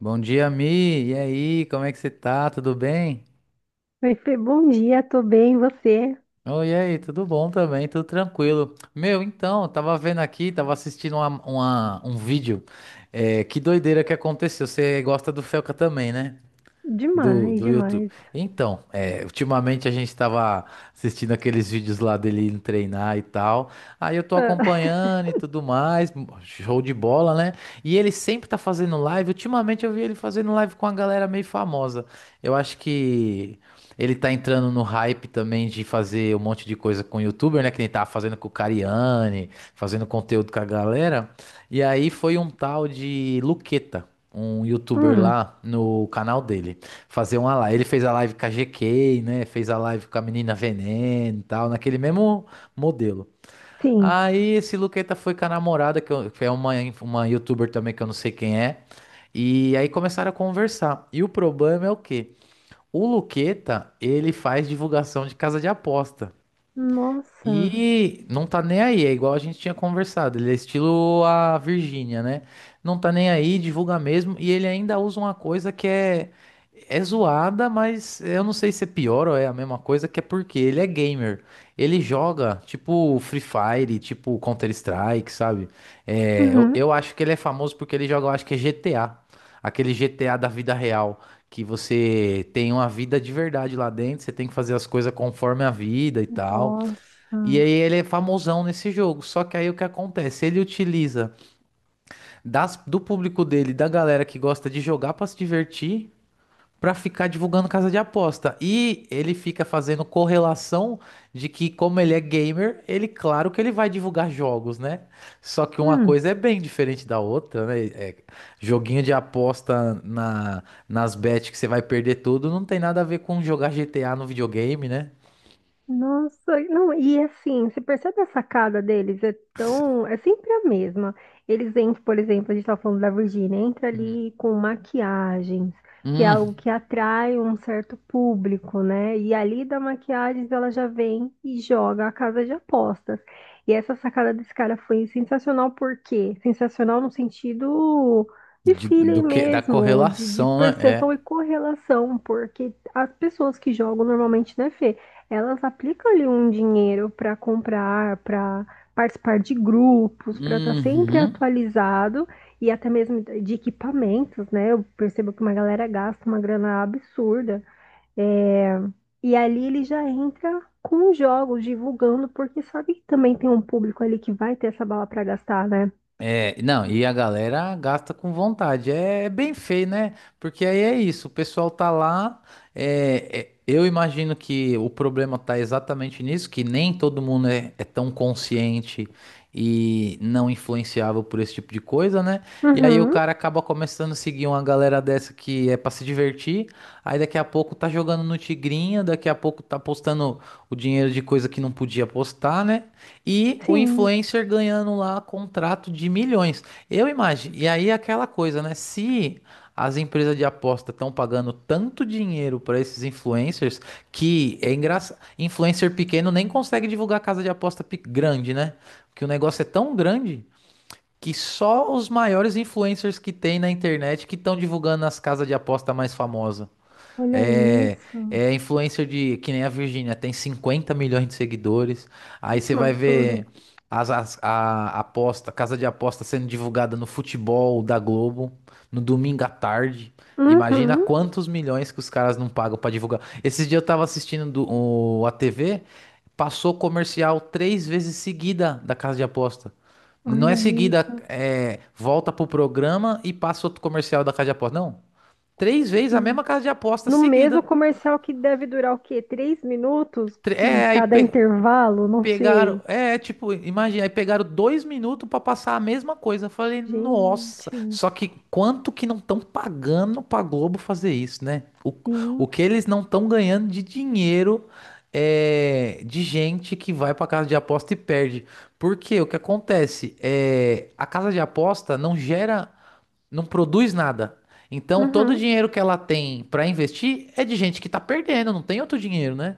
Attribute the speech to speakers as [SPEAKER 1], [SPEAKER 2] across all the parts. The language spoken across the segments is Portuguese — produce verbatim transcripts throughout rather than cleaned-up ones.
[SPEAKER 1] Bom dia, Mi. E aí, como é que você tá? Tudo bem?
[SPEAKER 2] Oi, Fê, bom dia, tô bem, e você?
[SPEAKER 1] Oi, e aí, tudo bom também, tudo tranquilo. Meu, então, eu tava vendo aqui, tava assistindo uma- uma- um vídeo. É, que doideira que aconteceu. Você gosta do Felca também, né? Do,
[SPEAKER 2] Demais,
[SPEAKER 1] do YouTube.
[SPEAKER 2] demais.
[SPEAKER 1] Então, é, ultimamente a gente estava assistindo aqueles vídeos lá dele indo treinar e tal. Aí eu tô
[SPEAKER 2] Ah,
[SPEAKER 1] acompanhando e tudo mais, show de bola, né? E ele sempre tá fazendo live. Ultimamente eu vi ele fazendo live com a galera meio famosa. Eu acho que ele tá entrando no hype também de fazer um monte de coisa com YouTuber, né? Que ele tava fazendo com o Cariani, fazendo conteúdo com a galera. E aí foi um tal de Luqueta, um YouTuber
[SPEAKER 2] hum,
[SPEAKER 1] lá no canal dele fazer uma live. Ele fez a live com a G K, né? Fez a live com a menina Veneno e tal, naquele mesmo modelo.
[SPEAKER 2] sim.
[SPEAKER 1] Aí esse Luqueta foi com a namorada, que eu- que é uma, uma youtuber também que eu não sei quem é. E aí começaram a conversar. E o problema é o quê? O Luqueta, ele faz divulgação de casa de aposta.
[SPEAKER 2] Nossa.
[SPEAKER 1] E não tá nem aí, é igual a gente tinha conversado. Ele é estilo a Virgínia, né? Não tá nem aí, divulga mesmo. E ele ainda usa uma coisa que é, é zoada, mas eu não sei se é pior ou é a mesma coisa, que é porque ele é gamer. Ele joga tipo Free Fire, tipo Counter-Strike, sabe? É, eu,
[SPEAKER 2] Uhum.
[SPEAKER 1] eu acho que ele é famoso porque ele joga, eu acho que é G T A. Aquele G T A da vida real. Que você tem uma vida de verdade lá dentro, você tem que fazer as coisas conforme a vida e tal.
[SPEAKER 2] Nossa.
[SPEAKER 1] E aí ele é famosão nesse jogo. Só que aí o que acontece? Ele utiliza das- do público dele, da galera que gosta de jogar pra se divertir, pra ficar divulgando casa de aposta. E ele fica fazendo correlação de que como ele é gamer, ele claro que ele vai divulgar jogos, né? Só que uma
[SPEAKER 2] Hum.
[SPEAKER 1] coisa é bem diferente da outra, né? É, joguinho de aposta na, nas bets que você vai perder tudo, não tem nada a ver com jogar G T A no videogame, né?
[SPEAKER 2] Nossa, não, e assim, você percebe a sacada deles? É tão, é sempre a mesma. Eles entram, por exemplo, a gente estava falando da Virgínia, entra
[SPEAKER 1] Hum.
[SPEAKER 2] ali com maquiagens, que é
[SPEAKER 1] Hum.
[SPEAKER 2] algo que atrai um certo público, né? E ali da maquiagens ela já vem e joga a casa de apostas. E essa sacada desse cara foi sensacional, por quê? Sensacional no sentido de
[SPEAKER 1] De- do
[SPEAKER 2] feeling
[SPEAKER 1] que, da
[SPEAKER 2] mesmo, de, de
[SPEAKER 1] correlação, né? É.
[SPEAKER 2] percepção e correlação, porque as pessoas que jogam normalmente, né, Fê? Elas aplicam ali um dinheiro para comprar, para participar de grupos, para estar sempre
[SPEAKER 1] Uhum.
[SPEAKER 2] atualizado e até mesmo de equipamentos, né? Eu percebo que uma galera gasta uma grana absurda. É. E ali ele já entra com os jogos, divulgando, porque sabe que também tem um público ali que vai ter essa bala para gastar, né?
[SPEAKER 1] É, não, e a galera gasta com vontade. É é bem feio, né? Porque aí é isso, o pessoal tá lá. É, é, eu imagino que o problema tá exatamente nisso, que nem todo mundo é, é tão consciente e não influenciável por esse tipo de coisa, né? E aí o
[SPEAKER 2] Uhum,
[SPEAKER 1] cara acaba começando a seguir uma galera dessa que é pra se divertir. Aí daqui a pouco tá jogando no Tigrinha, daqui a pouco tá postando o dinheiro de coisa que não podia postar, né? E o
[SPEAKER 2] sim.
[SPEAKER 1] influencer ganhando lá contrato de milhões. Eu imagino. E aí é aquela coisa, né? Se as empresas de aposta estão pagando tanto dinheiro para esses influencers que é engraçado. Influencer pequeno nem consegue divulgar casa de aposta pe- grande, né? Porque o negócio é tão grande que só os maiores influencers que tem na internet que estão divulgando as casas de aposta mais famosas.
[SPEAKER 2] Olha
[SPEAKER 1] É,
[SPEAKER 2] isso.
[SPEAKER 1] é influencer de, que nem a Virgínia, tem cinquenta milhões de seguidores. Aí
[SPEAKER 2] Gente,
[SPEAKER 1] você
[SPEAKER 2] um
[SPEAKER 1] vai
[SPEAKER 2] absurdo.
[SPEAKER 1] ver as, as- a aposta, casa de aposta sendo divulgada no futebol da Globo, no domingo à tarde. Imagina
[SPEAKER 2] Uhum,
[SPEAKER 1] quantos milhões que os caras não pagam pra divulgar. Esses dias eu tava assistindo do- o, a T V, passou comercial três vezes seguida da casa de aposta. Não é
[SPEAKER 2] olha
[SPEAKER 1] seguida,
[SPEAKER 2] isso.
[SPEAKER 1] é, volta pro programa e passa outro comercial da casa de aposta. Não. Três vezes a mesma casa de aposta
[SPEAKER 2] No mesmo
[SPEAKER 1] seguida.
[SPEAKER 2] comercial que deve durar o quê? Três minutos?
[SPEAKER 1] Tre- É, aí
[SPEAKER 2] Cada
[SPEAKER 1] pe-
[SPEAKER 2] intervalo? Não
[SPEAKER 1] Pegaram,
[SPEAKER 2] sei.
[SPEAKER 1] é, tipo, imagina, aí pegaram dois minutos pra passar a mesma coisa. Eu falei, nossa,
[SPEAKER 2] Gente,
[SPEAKER 1] só que quanto que não estão pagando pra Globo fazer isso, né? O, o
[SPEAKER 2] sim.
[SPEAKER 1] que eles não estão ganhando de dinheiro é de gente que vai pra casa de aposta e perde. Porque o que acontece é a casa de aposta não gera, não produz nada. Então todo o
[SPEAKER 2] Uhum.
[SPEAKER 1] dinheiro que ela tem pra investir é de gente que tá perdendo, não tem outro dinheiro, né?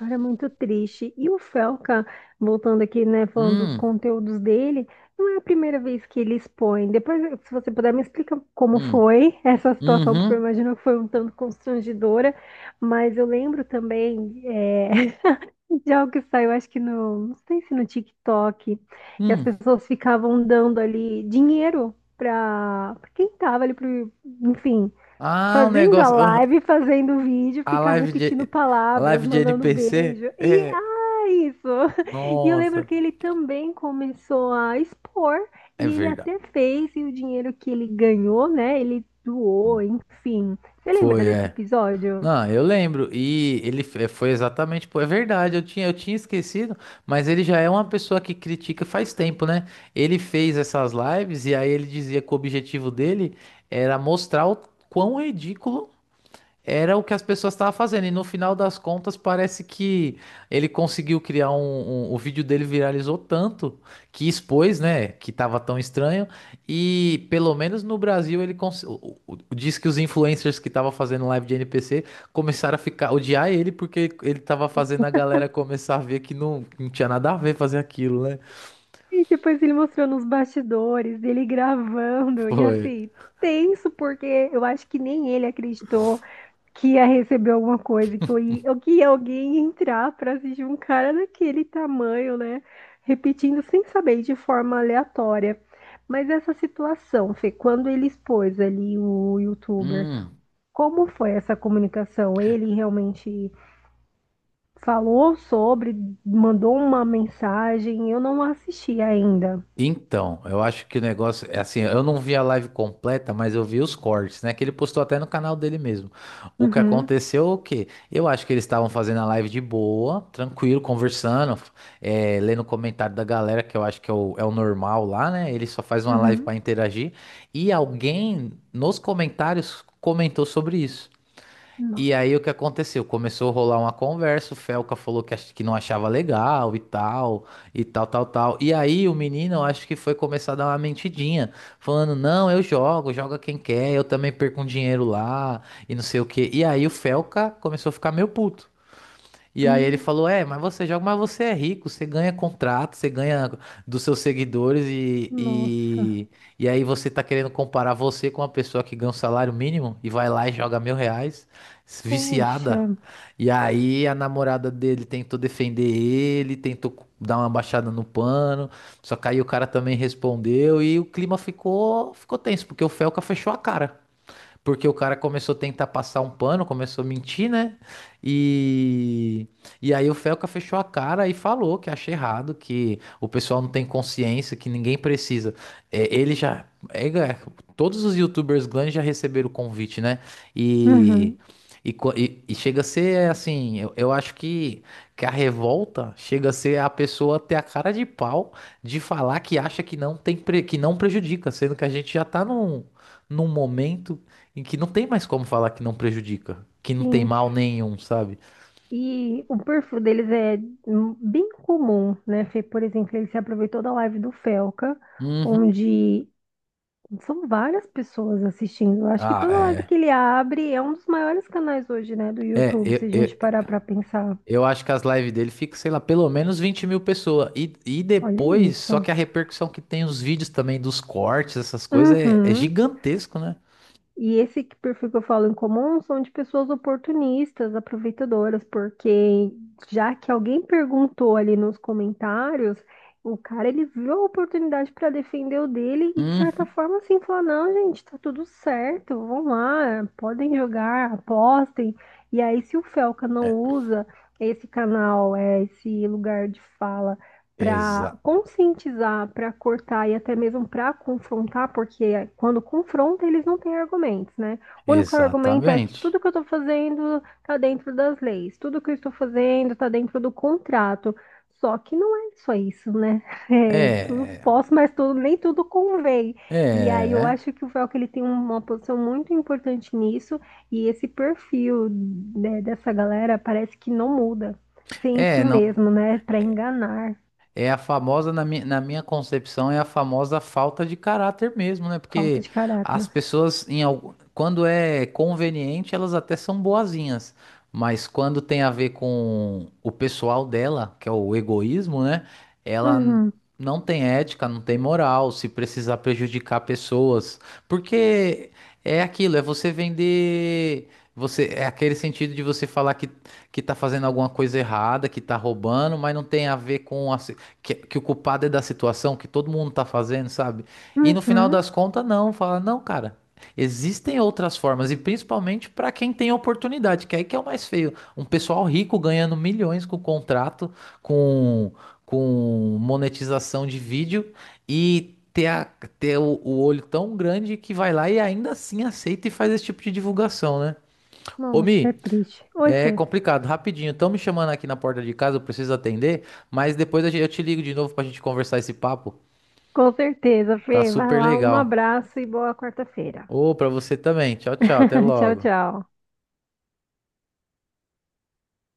[SPEAKER 2] Era muito triste. E o Felca, voltando aqui, né, falando dos
[SPEAKER 1] Hum,
[SPEAKER 2] conteúdos dele, não é a primeira vez que ele expõe. Depois, se você puder, me explica como
[SPEAKER 1] hum,
[SPEAKER 2] foi essa situação, porque eu
[SPEAKER 1] uhum.
[SPEAKER 2] imagino que foi um tanto constrangedora. Mas eu lembro também, é, de algo que saiu, acho que no, não sei se no TikTok, que as
[SPEAKER 1] Hum.
[SPEAKER 2] pessoas ficavam dando ali dinheiro para quem tava ali, pro, enfim,
[SPEAKER 1] Ah, um
[SPEAKER 2] fazendo a
[SPEAKER 1] negócio. Ah,
[SPEAKER 2] live, fazendo o vídeo,
[SPEAKER 1] A
[SPEAKER 2] ficar
[SPEAKER 1] live
[SPEAKER 2] repetindo
[SPEAKER 1] de, a
[SPEAKER 2] palavras,
[SPEAKER 1] live de
[SPEAKER 2] mandando
[SPEAKER 1] N P C?
[SPEAKER 2] beijo. E,
[SPEAKER 1] É.
[SPEAKER 2] ah, isso! E eu lembro
[SPEAKER 1] Nossa.
[SPEAKER 2] que ele também começou a expor,
[SPEAKER 1] É
[SPEAKER 2] e ele
[SPEAKER 1] verdade.
[SPEAKER 2] até fez, e o dinheiro que ele ganhou, né, ele doou, enfim. Você lembra
[SPEAKER 1] Foi,
[SPEAKER 2] desse
[SPEAKER 1] é.
[SPEAKER 2] episódio?
[SPEAKER 1] Não, eu lembro. E ele fe- foi exatamente. Pô, é verdade, eu tinha, eu tinha esquecido, mas ele já é uma pessoa que critica faz tempo, né? Ele fez essas lives e aí ele dizia que o objetivo dele era mostrar o quão ridículo era o que as pessoas estavam fazendo, e no final das contas parece que ele conseguiu criar um, um- o vídeo dele viralizou tanto que expôs, né? Que tava tão estranho. E pelo menos no Brasil ele cons... o- o- o- diz que os influencers que estavam fazendo live de N P C começaram a ficar odiar ele porque ele tava fazendo a galera começar a ver que não, que não tinha nada a ver fazer aquilo, né?
[SPEAKER 2] E depois ele mostrou nos bastidores, ele gravando, e
[SPEAKER 1] Foi.
[SPEAKER 2] assim, tenso, porque eu acho que nem ele acreditou que ia receber alguma coisa, que, eu ia, ou que ia alguém entrar para assistir um cara daquele tamanho, né? Repetindo sem saber, de forma aleatória. Mas essa situação, Fê, quando ele expôs ali o youtuber,
[SPEAKER 1] Hum.
[SPEAKER 2] como foi essa comunicação? Ele realmente falou sobre, mandou uma mensagem, eu não assisti ainda.
[SPEAKER 1] Então, eu acho que o negócio é assim, eu não vi a live completa, mas eu vi os cortes, né? Que ele postou até no canal dele mesmo. O que
[SPEAKER 2] Uhum.
[SPEAKER 1] aconteceu, é o quê? Eu acho que eles estavam fazendo a live de boa, tranquilo, conversando, eh, lendo o comentário da galera, que eu acho que é o, é o normal lá, né? Ele só faz uma live
[SPEAKER 2] Uhum.
[SPEAKER 1] para interagir. E alguém nos comentários comentou sobre isso.
[SPEAKER 2] No-
[SPEAKER 1] E aí o que aconteceu? Começou a rolar uma conversa, o Felca falou que, ach- que não achava legal e tal, e tal, tal, tal. E aí o menino, eu acho que foi começar a dar uma mentidinha, falando, não, eu jogo, joga quem quer, eu também perco um dinheiro lá, e não sei o quê. E aí o Felca começou a ficar meio puto. E aí ele
[SPEAKER 2] hum,
[SPEAKER 1] falou: É, mas você joga, mas você é rico, você ganha contrato, você ganha dos seus seguidores e,
[SPEAKER 2] nossa,
[SPEAKER 1] e, e aí você tá querendo comparar você com uma pessoa que ganha um salário mínimo e vai lá e joga mil reais,
[SPEAKER 2] poxa.
[SPEAKER 1] viciada. E aí a namorada dele tentou defender ele, tentou dar uma baixada no pano, só que aí o cara também respondeu e o clima ficou, ficou tenso, porque o Felca fechou a cara. Porque o cara começou a tentar passar um pano, começou a mentir, né? E, e aí o Felca fechou a cara e falou que acha errado, que o pessoal não tem consciência, que ninguém precisa. É, ele já. É, é, todos os youtubers grandes já receberam o convite, né? E.
[SPEAKER 2] Uhum.
[SPEAKER 1] E, co- e- e chega a ser assim, eu, eu acho que, que a revolta chega a ser a pessoa ter a cara de pau de falar que acha que não tem pre- que não prejudica, sendo que a gente já tá num, num momento em que não tem mais como falar que não prejudica, que não tem
[SPEAKER 2] Sim,
[SPEAKER 1] mal nenhum, sabe?
[SPEAKER 2] e o perfil deles é hum, bem comum, né? Fê? Por exemplo, ele se aproveitou da live do Felca,
[SPEAKER 1] Uhum.
[SPEAKER 2] onde são várias pessoas assistindo. Eu acho que
[SPEAKER 1] Ah,
[SPEAKER 2] toda live que
[SPEAKER 1] é.
[SPEAKER 2] ele abre é um dos maiores canais hoje, né, do
[SPEAKER 1] É,
[SPEAKER 2] YouTube, se
[SPEAKER 1] eu,
[SPEAKER 2] a gente
[SPEAKER 1] eu,
[SPEAKER 2] parar para pensar.
[SPEAKER 1] eu acho que as lives dele ficam, sei lá, pelo menos vinte mil pessoas. E, e
[SPEAKER 2] Olha
[SPEAKER 1] depois, só
[SPEAKER 2] isso.
[SPEAKER 1] que a repercussão que tem os vídeos também dos cortes, essas coisas, é, é
[SPEAKER 2] Uhum.
[SPEAKER 1] gigantesco, né?
[SPEAKER 2] E esse que- perfil que eu falo em comum são de pessoas oportunistas, aproveitadoras, porque já que alguém perguntou ali nos comentários, o cara ele viu a oportunidade para defender o dele e de
[SPEAKER 1] Uhum.
[SPEAKER 2] certa forma assim falar, não, gente, tá tudo certo, vão lá, podem jogar, apostem. E aí se o Felca não
[SPEAKER 1] É,
[SPEAKER 2] usa esse canal, é esse lugar de fala para
[SPEAKER 1] exa
[SPEAKER 2] conscientizar, para cortar e até mesmo para confrontar, porque quando confronta eles não têm argumentos, né? O único argumento é que
[SPEAKER 1] exatamente.
[SPEAKER 2] tudo que eu estou fazendo está dentro das leis, tudo que eu estou fazendo está dentro do contrato. Só que não é só isso, né? É, tudo
[SPEAKER 1] É,
[SPEAKER 2] posso, mas tudo, nem tudo convém. E aí eu
[SPEAKER 1] é,
[SPEAKER 2] acho que o Velcro ele tem uma posição muito importante nisso e esse perfil, né, dessa galera parece que não muda, sempre
[SPEAKER 1] é,
[SPEAKER 2] o
[SPEAKER 1] não,
[SPEAKER 2] mesmo, né? Para enganar.
[SPEAKER 1] É a famosa, na minha, na minha concepção, é a famosa falta de caráter mesmo, né?
[SPEAKER 2] Falta
[SPEAKER 1] Porque
[SPEAKER 2] de
[SPEAKER 1] as
[SPEAKER 2] caráter.
[SPEAKER 1] pessoas, em, algu- quando é conveniente, elas até são boazinhas, mas quando tem a ver com o pessoal dela, que é o egoísmo, né? Ela n-
[SPEAKER 2] Uhum,
[SPEAKER 1] não tem ética, não tem moral, se precisar prejudicar pessoas. Porque é aquilo, é você vender. Você, é aquele sentido de você falar que que tá fazendo alguma coisa errada, que tá roubando, mas não tem a ver com, a, que, que o culpado é da situação, que todo mundo tá fazendo, sabe? E no final
[SPEAKER 2] uhum.
[SPEAKER 1] das contas, não, fala, não, cara, existem outras formas, e principalmente para quem tem oportunidade, que aí que é o mais feio. Um pessoal rico ganhando milhões com contrato, com, com monetização de vídeo, e ter, a- ter o, o olho tão grande que vai lá e ainda assim aceita e faz esse tipo de divulgação, né? Ô,
[SPEAKER 2] Nossa, é
[SPEAKER 1] Mi,
[SPEAKER 2] triste. Oi,
[SPEAKER 1] é
[SPEAKER 2] Fê.
[SPEAKER 1] complicado, rapidinho. Estão me chamando aqui na porta de casa, eu preciso atender, mas depois a gen- eu te ligo de novo pra gente conversar esse papo.
[SPEAKER 2] Com certeza,
[SPEAKER 1] Tá
[SPEAKER 2] Fê. Vai
[SPEAKER 1] super
[SPEAKER 2] lá, um
[SPEAKER 1] legal.
[SPEAKER 2] abraço e boa quarta-feira.
[SPEAKER 1] Ô, pra você também. Tchau, tchau. Até
[SPEAKER 2] Tchau,
[SPEAKER 1] logo.
[SPEAKER 2] tchau.